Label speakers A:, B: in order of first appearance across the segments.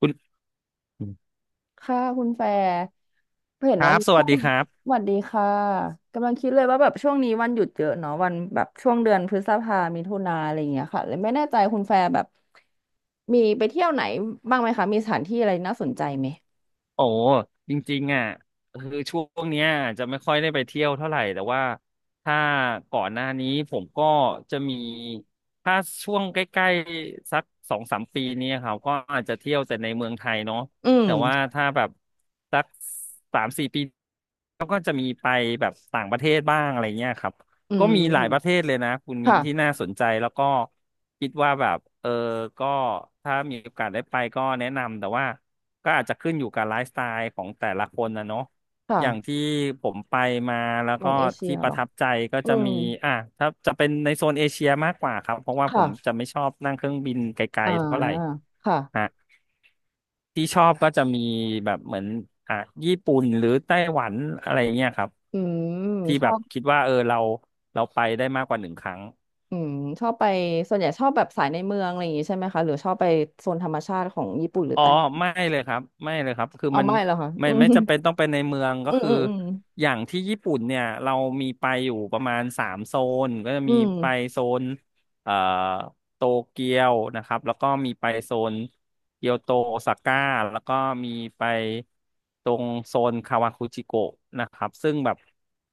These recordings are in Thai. A: คุณ
B: ค่ะคุณแฟร์เห็
A: ค
B: น
A: รั
B: วัน
A: บส
B: ช่
A: วัส
B: วง
A: ดีครับ
B: สวัสดีค่ะกำลังคิดเลยว่าแบบช่วงนี้วันหยุดเยอะเนาะวันแบบช่วงเดือนพฤษภามิถุนาอะไรอย่างเงี้ยค่ะเลยไม่แน่ใจคุณแฟร์แบบมีไปเที่ยวไหนบ้างไหมคะมีสถานที่อะไรน่าสนใจไหม
A: โอ้จริงๆอ่ะคือช่วงเนี้ยจะไม่ค่อยได้ไปเที่ยวเท่าไหร่แต่ว่าถ้าก่อนหน้านี้ผมก็จะมีถ้าช่วงใกล้ๆสักสองสามปีเนี้ครับก็อาจจะเที่ยวแต่ในเมืองไทยเนาะ
B: อืม
A: แต่ว่าถ้าแบบสักสามสี่ปีก็จะมีไปแบบต่างประเทศบ้างอะไรเงี้ยครับ
B: อื
A: ก็มีหลายประเท
B: ม
A: ศเลยนะคุณมิ้นที่
B: ค่ะ
A: น่าสนใจแล้วก็คิดว่าแบบก็ถ้ามีโอกาสได้ไปก็แนะนำแต่ว่าก็อาจจะขึ้นอยู่กับไลฟ์สไตล์ของแต่ละคนนะเนาะอย่าง
B: ค่ะ
A: ที่ผมไปมาแล้ว
B: บ
A: ก็
B: นเอเชีย
A: ที่ป
B: เหร
A: ระ
B: อ
A: ทับใจก็
B: อื
A: จะ
B: ม
A: มีอ่ะถ้าจะเป็นในโซนเอเชียมากกว่าครับเพราะว่าผ
B: ค่ะ
A: มจะไม่ชอบนั่งเครื่องบินไกล
B: อ่า
A: ๆเท่าไหร่
B: ค่ะ
A: ฮะที่ชอบก็จะมีแบบเหมือนอ่ะญี่ปุ่นหรือไต้หวันอะไรเงี้ยครับ
B: อืม
A: ที่
B: ช
A: แบ
B: อ
A: บ
B: บ
A: คิดว่าเออเราไปได้มากกว่าหนึ่งครั้ง
B: อืมชอบไปส่วนใหญ่ชอบแบบสายในเมืองอะไรอย่างงี้ใช่ไหมคะหรือชอบไปโซนธรรมชาติของญี่ปุ่นหรือ
A: อ๋อ
B: ไต้
A: ไม่เลยครับไม่เลยครับคือ
B: เอา
A: มัน
B: ไม่แล้วค่ะ
A: ไม่
B: อื
A: ไม่
B: ม
A: จำเป็นต้องไปในเมืองก็
B: อืม
A: คือ
B: อืม
A: อย่างที่ญี่ปุ่นเนี่ยเรามีไปอยู่ประมาณสามโซนก็จะ
B: อื
A: มี
B: ม
A: ไปโซนเอ่อโตเกียวนะครับแล้วก็มีไปโซน เกียวโตโอซาก้าแล้วก็มีไปตรงโซนคาวาคุจิโกะนะครับซึ่งแบบ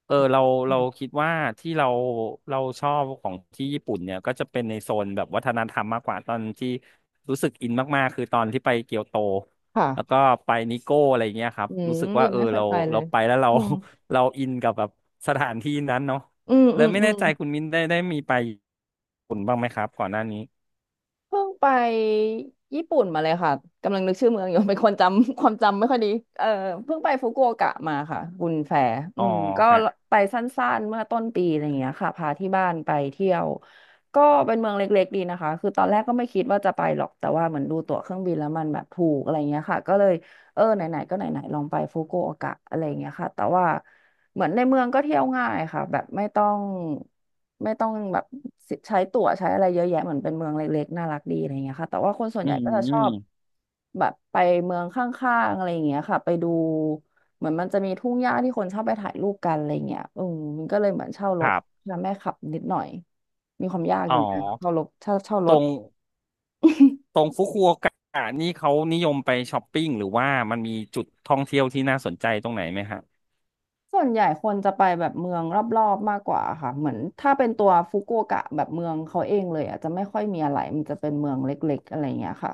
A: เออเรา
B: อื
A: เรา
B: ม
A: คิดว่าที่เราชอบของที่ญี่ปุ่นเนี่ยก็จะเป็นในโซนแบบวัฒนธรรมมากกว่าตอนที่รู้สึกอินมากๆคือตอนที่ไปเกียวโต
B: ค่ะ
A: แล้วก็ไปนิโก้อะไรเงี้ยครับ
B: อื
A: รู้
B: ม
A: สึกว่า
B: ยัง
A: เออ
B: ไม่เคย
A: เรา
B: ไปเล
A: เรา
B: ย
A: ไปแล้วเรา
B: อืม
A: เราอินกับแบบสถานที่นั้นเนาะ
B: อืม
A: เล
B: อื
A: ย
B: ม
A: ไม่
B: อื
A: แน่
B: ม
A: ใจคุณมิ้นได้มีไปญี่ปุ่นบ้างไหมครับก่อนหน้านี้
B: เพิ่งไปญี่ปุ่นมาเลยค่ะกำลังนึกชื่อเมืองอยู่ เป็นคนจำ ความจำไม่ค่อยดีเออเพิ่งไปฟุกุโอกะมาค่ะบุญแฟอื
A: อ๋อ
B: มก็
A: ฮะ
B: ไปสั้นๆเมื่อต้นปีอะไรอย่างเงี้ยค่ะพาที่บ้านไปเที่ยวก็เป็นเมืองเล็กๆดีนะคะคือตอนแรกก็ไม่คิดว่าจะไปหรอกแต่ว่าเหมือนดูตั๋วเครื่องบินแล้วมันแบบถูกอะไรเงี้ยค่ะก็เลยไหนๆก็ไหนๆลองไปฟุกุโอกะอะไรเงี้ยค่ะแต่ว่าเหมือนในเมืองก็เที่ยวง่ายค่ะแบบไม่ต้อง แบบใช้ตั๋วใช้อะไรเยอะแยะเหมือนเป็นเมืองเล็กๆน่ารักดีอะไรเงี้ยค่ะแต่ว่าคนส่วน
A: อื
B: ใหญ่
A: ม
B: ก็จะช
A: อื
B: อ
A: ม
B: บแบบไปเมืองข้างๆอะไรเงี้ยค่ะไปดูเหมือนมันจะมีทุ่งหญ้าที่คนชอบไปถ่ายรูปกันอะไรเงี้ยอืมมันก็เลยเหมือนเช่าร
A: ค
B: ถ
A: รับ
B: แล้วแม่ขับนิดหน่อยมีความยากอ
A: อ๋อ
B: ยู่เหมือนกันเช่ารถเช่าเช่าร
A: ตร
B: ถ
A: งตรงฟุกุโอกะนี่เขานิยมไปช้อปปิ้งหรือว่ามันมีจุดท่องเที่ยวที่น่าสนใจตรงไหนไหมฮะ
B: ส่วนใหญ่คนจะไปแบบเมืองรอบๆมากกว่าค่ะเหมือนถ้าเป็นตัวฟุกุโอกะแบบเมืองเขาเองเลยอ่ะจะไม่ค่อยมีอะไรมันจะเป็นเมืองเล็กๆอะไรอย่างเงี้ยค่ะ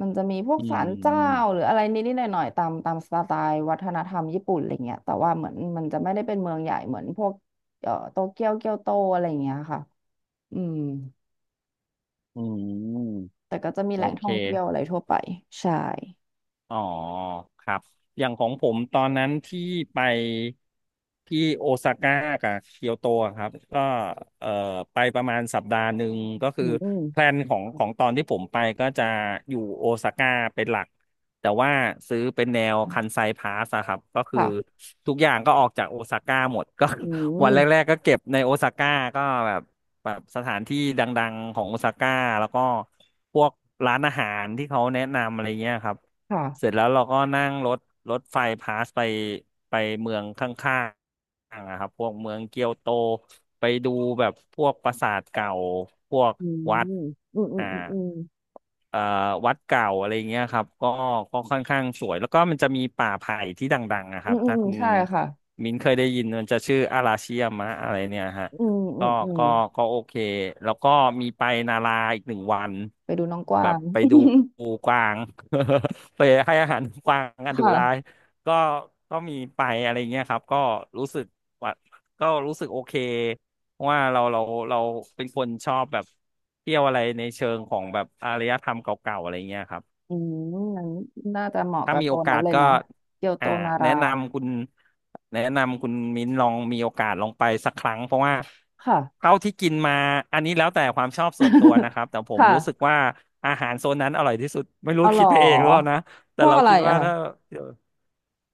B: มันจะมีพวก
A: อื
B: ศาลเจ้า
A: ม
B: หรืออะไรนิดๆหน่อยๆตามสไตล์วัฒนธรรมญี่ปุ่นอะไรเงี้ยแต่ว่าเหมือนมันจะไม่ได้เป็นเมืองใหญ่เหมือนพวกโตเกียวเกียวโตอะไรเงี้ยค่ะอืม
A: อืม
B: แต่ก็จะมี
A: โอ
B: แหล่ง
A: เค
B: ท่องเที่ยวอะไรทั่วไปใช่
A: อ๋อครับอย่างของผมตอนนั้นที่ไปที่โอซาก้ากับเกียวโตอะครับก็เอ่อไปประมาณสัปดาห์หนึ่งก็คื
B: อื
A: อ
B: ม
A: แพลนของตอนที่ผมไปก็จะอยู่โอซาก้าเป็นหลักแต่ว่าซื้อเป็นแนวคันไซพาสอะครับก็คือ
B: ค่ะ
A: ทุกอย่างก็ออกจากโอซาก้าหมดก็
B: อื
A: วันแร
B: ม
A: กๆก็เก็บในโอซาก้าก็แบบแบบสถานที่ดังๆของโอซาก้าแล้วก็พวกร้านอาหารที่เขาแนะนำอะไรเงี้ยครับ
B: ค่ะ
A: เสร็จแล้วเราก็นั่งรถไฟพาสไปเมืองข้างๆอะครับพวกเมืองเกียวโตไปดูแบบพวกปราสาทเก่าพวก
B: อืม
A: วัด
B: อืมอืม
A: อ่า
B: อืม
A: เอ่อวัดเก่าอะไรเงี้ยครับก็ค่อนข้างสวยแล้วก็มันจะมีป่าไผ่ที่ดังๆนะค
B: อื
A: รั
B: ม
A: บ
B: อืม
A: ถ้า
B: อืมอื
A: คุ
B: ม
A: ณ
B: ใช่ค่ะ
A: มิ้นเคยได้ยินมันจะชื่ออาราชิยามะอะไรเนี่ยฮะ
B: อืมอื
A: ก็
B: มอืม
A: ก็ก็โอเค แล้วก็มีไปนาราอีกหนึ่งวัน
B: ไปดูน้องก
A: แบ
B: วา
A: บ
B: ง
A: ไปดูกวาง ไปให้อาหารกวางกั นดุ
B: ค่ะ
A: ร้ายก็ก็มีไปอะไรเงี้ยครับ ก็รู้สึกว่าก็รู้สึกโอเคเพราะว่าเราเป็นคนชอบแบบเที่ยวอะไรในเชิงของแบบอารยธรรมเก่าๆอะไรเงี้ยครับ
B: อืมนั้นน่าจะเหมาะ
A: ถ้า
B: กับ
A: มี
B: โซ
A: โอ
B: น
A: กา
B: นั้น
A: ส
B: เลย
A: ก็
B: เนาะเกียวโต
A: อ่า
B: นา
A: แนะ
B: รา
A: นำคุณแนะนำคุณมิ้นลองมีโอกาสลองไปสักครั้งเพราะว่า
B: ค่ะ
A: เท่าที่กินมาอันนี้แล้วแต่ความชอบส่วนตัวนะครับแต่ผมรู้สึก
B: ค่ะ
A: ว่าอาหารโซนนั้นอร่อยที่สุดไม่รู้
B: เอาหร
A: คิ
B: อ
A: ดไปเองหรือเปล่านะแต่
B: พวก
A: เรา
B: อะไร
A: คิด
B: อะ
A: ว่า
B: ค่ะ
A: ถ้า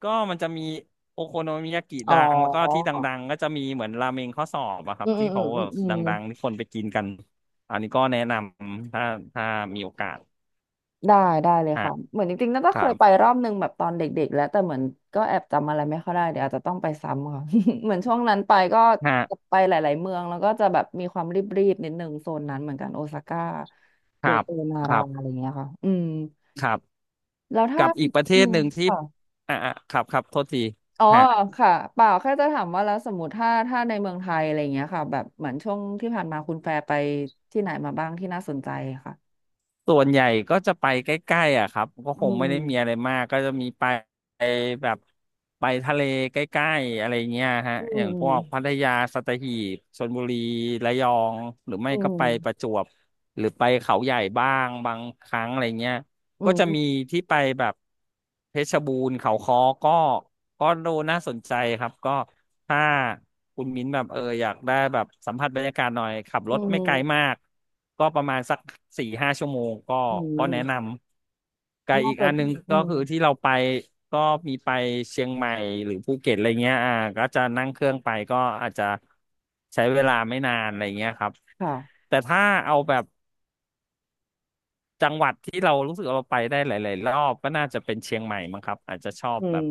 A: ก็มันจะมีโอโคโนมิยากิ
B: อ๋อ
A: ดังแล้วก็ที่ดังๆก็จะมีเหมือนราเมงข้อสอบอะครั
B: อื
A: บ
B: มอื
A: ที่
B: มอื
A: เขา
B: มอื
A: แบ
B: ม
A: บ
B: อืม
A: ดังๆที่คนไปกินกันอันนี้ก็แนะนำถ้ามีโอกาส
B: ได้ได้เลย
A: ฮะ
B: ค่ะเหมือนจริงๆน่าจะ
A: ค
B: เค
A: รั
B: ย
A: บ
B: ไปรอบนึงแบบตอนเด็กๆแล้วแต่เหมือนก็แอบจำอะไรไม่ค่อยได้เดี๋ยวอาจจะต้องไปซ้ำค่ะ เหมือนช่วงนั้นไปก็
A: ฮะ
B: ไปหลายๆเมืองแล้วก็จะแบบมีความรีบๆนิดนึงโซนนั้นเหมือนกันโอซาก้า
A: ค
B: เกี
A: รั
B: ยว
A: บ
B: โตนา
A: ค
B: รา
A: รั
B: อะไร
A: บ
B: เงี้ยค่ะอืม
A: ครับ
B: แล้วถ้า
A: กับอีกประเท
B: อื
A: ศ
B: ม
A: หนึ่งที่
B: ค่ะ
A: อ่ะอ่ะครับครับโทษที
B: อ๋อ
A: ฮะ
B: ค่ะเปล่าแค่จะถามว่าแล้วสมมติถ้าในเมืองไทยอะไรอย่างเงี้ยค่ะแบบเหมือนช่วงที่ผ่านมาคุณแฟร์ไปที่ไหนมาบ้างที่น่าสนใจค่ะ
A: ส่วนใหญ่ก็จะไปใกล้ๆอ่ะครับก็
B: อื
A: คงไม่
B: ม
A: ได้มีอะไรมากก็จะมีไปแบบไปทะเลใกล้ๆอะไรเงี้ยฮะ
B: อื
A: อย่างพวกพั
B: ม
A: ทยาสัตหีบชลบุรีระยองหรือไม่
B: อื
A: ก็
B: ม
A: ไปประจวบหรือไปเขาใหญ่บ้างบางครั้งอะไรเงี้ย
B: อื
A: ก็จะ
B: ม
A: มีที่ไปแบบเพชรบูรณ์เขาค้อก็ก็ดูน่าสนใจครับก็ ถ้าคุณมิ้นแบบอยากได้แบบสัมผัสบรรยากาศหน่อยขับร
B: อื
A: ถไม่ไกลมา
B: ม
A: กก็ประมาณสัก4-5 ชั่วโมงก็
B: อ
A: ก็แนะน
B: ื
A: ำไกล
B: มน่า
A: อีก
B: จะ
A: อันหนึง
B: อื
A: ก็
B: ม
A: คือที่เราไปก็มีไปเชียงใหม่หรือภูเก็ตอะไรเงี้ยก็จะนั่งเครื่องไปก็อาจจะใช้เวลาไม่นานอะไรเงี้ยครับ
B: ค่ะ
A: แต่ถ้าเอาแบบจังหวัดที่เรารู้สึกเราไปได้หลายๆรอบก็น่าจะเป็นเชียงใหม่มั้งครับอาจจะชอบ
B: อื
A: แบบ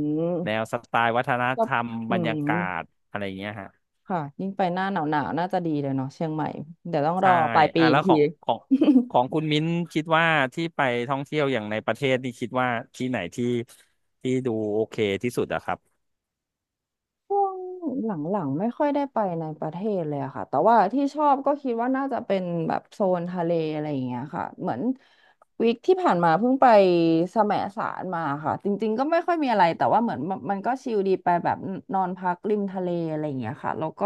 A: แนว
B: ม
A: สไตล์วัฒน
B: ก็
A: ธรรม
B: อื
A: บรรยา
B: ม
A: กาศอะไรเงี้ยฮะ
B: ค่ะยิ่งไปหน้าหนาวหนาวน่าจะดีเลยเนาะเชียงใหม่เดี๋ยวต้องร
A: ใช่
B: อปลายปี
A: อ่ะ
B: อีก
A: แล้วข
B: ที
A: องของ ของคุณมิ้นคิดว่าที่ไปท่องเที่ยวอย่างในประเทศที่คิดว่าที่ไหนที่ดูโอเคที่สุดอะครับ
B: ช่วงหลังๆไม่ค่อยได้ไปในประเทศเลยอะค่ะแต่ว่าที่ชอบก็คิดว่าน่าจะเป็นแบบโซนทะเลอะไรอย่างเงี้ยค่ะเหมือนวีคที่ผ่านมาเพิ่งไปแสมสารมาค่ะจริงๆก็ไม่ค่อยมีอะไรแต่ว่าเหมือนมันก็ชิลดีไปแบบนอนพักริมทะเลอะไรอย่างเงี้ยค่ะแล้วก็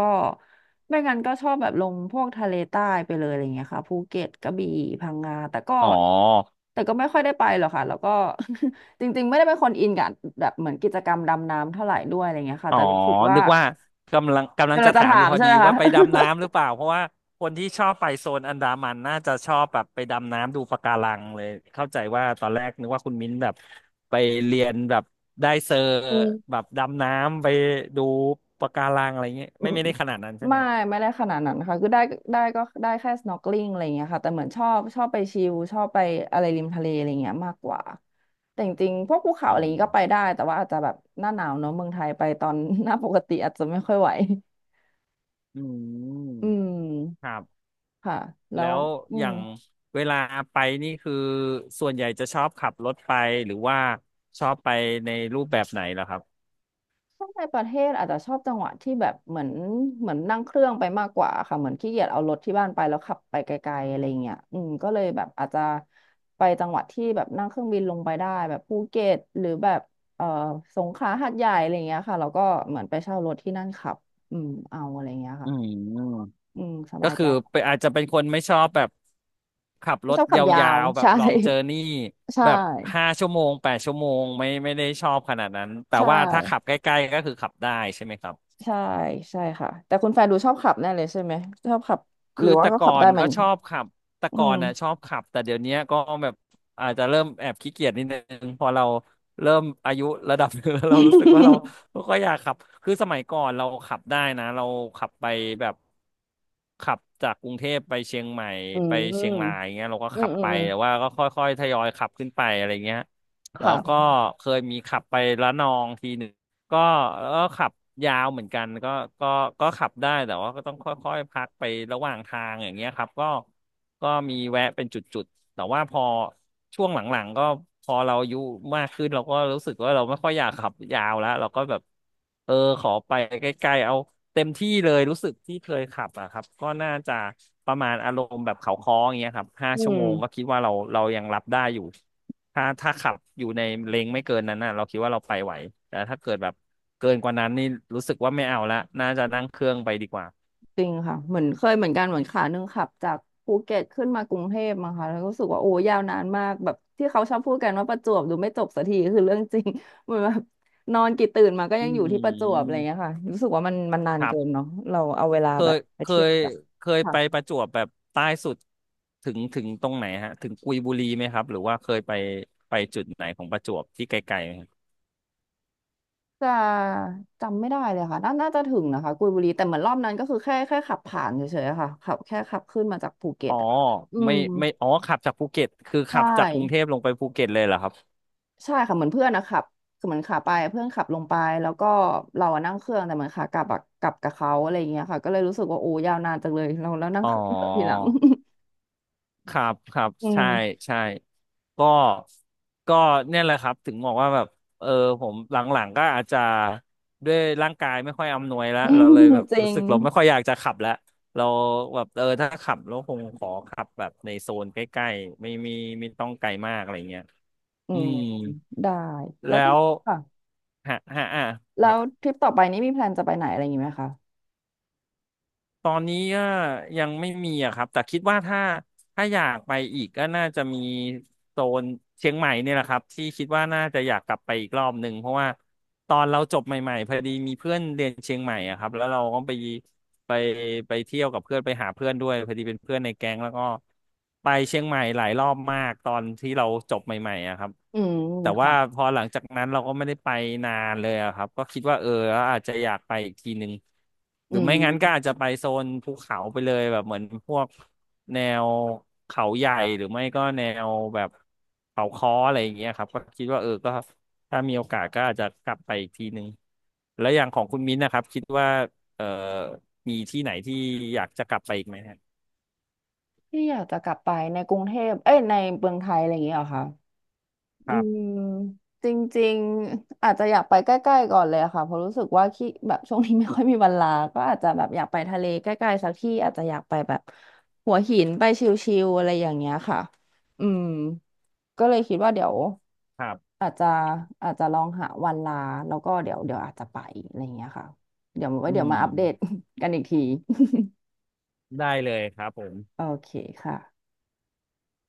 B: ไม่งั้นก็ชอบแบบลงพวกทะเลใต้ไปเลยอะไรอย่างเงี้ยค่ะภูเก็ตกระบี่พังงาแต่ก็
A: อ๋อ
B: แต่ก็ไม่ค่อยได้ไปหรอกค่ะแล้วก็ จริงๆไม่ได้เป็นคนอินกับแบบเหมือนกิจกรรมดำน้ำเท่าไหร่ด้วยอะไรเงี้ยค่ะ
A: อ๋อ
B: แต่รู้สึกว่า
A: นึกว่ากำลัง
B: กำลั
A: จะ
B: งจะ
A: ถามอ
B: ถา
A: ยู่
B: ม
A: พอ
B: ใช่
A: ดี
B: ไหมคะ
A: ว่าไปดำน้ำหรือเปล่าเพราะว่าคนที่ชอบไปโซนอันดามันน่าจะชอบแบบไปดำน้ำดูปะการังเลยเข้าใจว่าตอนแรกนึกว่าคุณมิ้นแบบไปเรียนแบบได้เซอร์
B: อืม
A: แบบดำน้ำไปดูปะการังอะไรเงี้ย
B: อื
A: ไม่
B: ม
A: ไม่ได้ขนาดนั้นใช่ไหม
B: ไม่ไม่ได้ขนาดนั้นค่ะคือได้ได้ก็ได้แค่ snorkeling อะไรเงี้ยค่ะแต่เหมือนชอบไปชิลชอบไปอะไรริมทะเลอะไรเงี้ยมากกว่าแต่จริงๆพวกภูเขา
A: อื
B: อะไรเงี้
A: ม
B: ยก็ไปได้แต่ว่าอาจจะแบบหน้าหนาวเนอะเมืองไทยไปตอน หน้าปกติอาจจะไม่ค่อยไหว
A: อืม
B: อื
A: ค
B: ม
A: รับ
B: ค่ะแล้
A: แล้
B: ว
A: ว
B: อื
A: อ
B: ม
A: ย่างเวลาไปนี่คือส่วนใหญ่จะชอบขับรถไปหรือว่าชอบไปในรูปแบบไหนล่ะครับ
B: ถ้าในประเทศอาจจะชอบจังหวะที่แบบเหมือนนั่งเครื่องไปมากกว่าค่ะเหมือนขี้เกียจเอารถที่บ้านไปแล้วขับไปไกลๆอะไรเงี้ยอืมก็เลยแบบอาจจะไปจังหวัดที่แบบนั่งเครื่องบินลงไปได้แบบภูเก็ตหรือแบบเอ่อสงขลาหาดใหญ่อะไรเงี้ยค่ะแล้วก็เหมือนไปเช่ารถที่นั่นขับอืมเอาอะไรเงี้ย
A: อื
B: ค่ะ
A: ม
B: อืมส
A: ก็
B: บาย
A: คื
B: ใจ
A: อไปอาจจะเป็นคนไม่ชอบแบบขับร
B: ไม่
A: ถ
B: ชอบ
A: ย
B: ขับยา
A: า
B: ว
A: วๆ แบบ
B: ใช่
A: ลองเจอร์นี่
B: ใช่
A: แบบห้าชั่วโมง8 ชั่วโมงไม่ได้ชอบขนาดนั้นแต่
B: ใช่
A: ว่าถ้าขับใกล้ๆก็คือขับได้ใช่ไหมครับ
B: ใช่ใช่ค่ะแต่คุณแฟนดูชอบขับแน่เลยใช่ไหมชอบขับห
A: คื
B: รื
A: อ
B: อว่า
A: แต่
B: ก็
A: ก่
B: ขั
A: อ
B: บได้
A: น
B: เหมือ
A: ก็
B: น
A: ชอบขับแต่
B: อื
A: ก่อ
B: ม
A: นน่ะชอบขับแต่เดี๋ยวเนี้ยก็แบบอาจจะเริ่มแอบขี้เกียจนิดนึงพอเราเริ่มอายุระดับหนึง แล้วเรารู้สึกว่าเรา ไม่ค่อยอยากขับคือสมัยก่อนเราขับได้นะเราขับไปแบบขับจากกรุงเทพไปเชียงใหม่
B: อื
A: ไป
B: ม
A: เชียงรายอ
B: อ
A: ย่างเงี้ยเราก็
B: ื
A: ขั
B: ม
A: บ
B: อื
A: ไป
B: มอืม
A: แต่ว่าก็ค่อยๆทยอยขับขึ้นไปอะไรเงี้ยแล้วก็
B: ค่ะ
A: เคยมีขับไประนองทีหนึ่ง ก็ก็ขับยาวเหมือนกันก็ก็ขับได้แต่ว่าก็ต้องค่อยๆพักไประหว่างทางอย่างเงี้ยครับก็มีแวะเป็นจุดๆแต่ว่าพอช่วงหลังๆก็พอเราอายุมากขึ้นเราก็รู้สึกว่าเราไม่ค่อยอยากขับยาวแล้วเราก็แบบเออขอไปใกล้ๆเอาเต็มที่เลยรู้สึกที่เคยขับอะครับก็น่าจะประมาณอารมณ์แบบเขาค้ออย่างเงี้ยครับห้า
B: อื
A: ชั่
B: ม
A: วโมงก็คิดว่าเรายังรับได้อยู่ ถ้าขับอยู่ในเลนไม่เกินนั้นน่ะเราคิดว่าเราไปไหวแต่ถ้าเกิดแบบเกินกว่านั้นนี่รู้สึกว่าไม่เอาละน่าจะนั่งเครื่องไปดีกว่า
B: จริงค่ะเหมือนเคยเหมือนกันเหมือนขาหนึ่งขับจากภูเก็ตขึ้นมากรุงเทพมาค่ะแล้วก็รู้สึกว่าโอ้ยาวนานมากแบบที่เขาชอบพูดกันว่าประจวบดูไม่จบสักทีคือเรื่องจริง เหมือนแบบนอนกี่ตื่นมาก็
A: อื
B: ยังอยู่ที่ประจวบอะไรอ
A: ม
B: ย่างเงี้ยค่ะรู้สึกว่ามันนาน
A: ครั
B: เกิน
A: บ
B: เนาะเราเอาเวลา
A: เค
B: แบบ
A: ย
B: ไป
A: เค
B: เที่ยว
A: ย
B: กัน
A: เคยไปป
B: ค่ะ
A: ระจวบแบบใต้สุดถึงตรงไหนฮะถึงกุยบุรีไหมครับหรือว่าเคยไปจุดไหนของประจวบที่ไกลๆไหมครับ
B: จะจำไม่ได้เลยค่ะน่าจะถึงนะคะกุยบุรีแต่เหมือนรอบนั้นก็คือแค่ขับผ่านเฉยๆอะค่ะขับแค่ขับขึ้นมาจากภูเก็
A: อ๋
B: ต
A: อ
B: อะอื
A: ไม่
B: ม
A: ไม่อ๋อขับจากภูเก็ตคือ
B: ใช่
A: ขับจากกรุงเทพลงไปภูเก็ตเลยเหรอครับ
B: ใช่ค่ะเหมือนเพื่อนนะขับคือเหมือนขาไปเพื่อนขับลงไปแล้วก็เราอะนั่งเครื่องแต่เหมือนขากลับอะกลับกับเขาอะไรอย่างเงี้ยค่ะก็เลยรู้สึกว่าโอ้ยาวนานจังเลยเราแล้วนั่ง
A: อ๋อ
B: เครื่องเถอะทีหลัง
A: ครับครับ
B: อื
A: ใช่
B: ม
A: ใช่ก็ก็เนี่ยแหละครับถึงบอกว่าแบบเออผมหลังๆก็อาจจะด้วยร่างกายไม่ค่อยอำนวยแล้วเราเลยแบบ
B: จริ
A: รู้
B: ง
A: สึกเราไม่ค่อยอยากจะขับแล้วเราแบบถ้าขับเราคงขอขับแบบในโซนใกล้ๆไม่มีไม่ต้องไกลมากอะไรเงี้ย
B: อื
A: อื
B: ม
A: ม
B: ได้แล้ว
A: แล้ว
B: ค่ะ
A: ฮะฮะอ่ะค
B: แล้
A: รั
B: ว
A: บ
B: ทริปต่อไปนี้มีแพลนจะไปไหนอะไรอย่างงี้ไหมคะ
A: ตอนนี้ก็ยังไม่มีอะครับแต่คิดว่าถ้าอยากไปอีกก็น่าจะมีโซนเชียงใหม่เนี่ยแหละครับที่คิดว่าน่าจะอยากกลับไปอีกรอบหนึ่งเพราะว่าตอนเราจบใหม่ๆพอดีมีเพื่อนเรียนเชียงใหม่อะครับแล้วเราก็ไปไปเที่ยวกับเพื่อนไปหาเพื่อนด้วยพอดีเป็นเพื่อนในแก๊งแล้วก็ไปเชียงใหม่หลายรอบมากตอนที่เราจบใหม่ๆอะครับ
B: อืม
A: แต่ว่า
B: ค่ะ
A: พอหลังจากนั้นเราก็ไม่ได้ไปนานเลยอะครับก็คิดว่าอาจจะอยากไปอีกทีหนึ่งห
B: อื
A: รือไม่งั้นก็อาจ
B: ม
A: จะไปโซนภูเขาไปเลยแบบเหมือนพวกแนวเขาใหญ่หรือไม่ก็แนวแบบเขาค้ออะไรอย่างเงี้ยครับก็คิดว่าก็ถ้ามีโอกาสก็อาจจะกลับไปอีกทีหนึ่งแล้วอย่างของคุณมิ้นท์นะครับคิดว่าเออมีที่ไหนที่อยากจะกลับไปอีกไหมฮะ
B: ที่อยากจะกลับไปในกรุงเทพเอ้ยในเมืองไทยอะไรอย่างเงี้ยเหรอคะ
A: ค
B: อื
A: รั
B: ม
A: บ
B: จริงๆอาจจะอยากไปใกล้ๆก่อนเลยอะค่ะเพราะรู้สึกว่าขี้แบบช่วงนี้ไม่ค่อยมีเวลาก็อาจจะแบบอยากไปทะเลใกล้ๆสักที่อาจจะอยากไปแบบหัวหินไปชิลๆอะไรอย่างเงี้ยค่ะอืมก็เลยคิดว่าเดี๋ยว
A: ครับ
B: อาจจะอาจจะลองหาวันลาแล้วก็เดี๋ยวอาจจะไปอะไรอย่างเงี้ยค่ะเดี๋ยวไว้
A: อื
B: เดี๋ยวมาอัปเดต
A: ม
B: กันอีกที
A: ได้เลยครับผ ม
B: โอเคค่ะ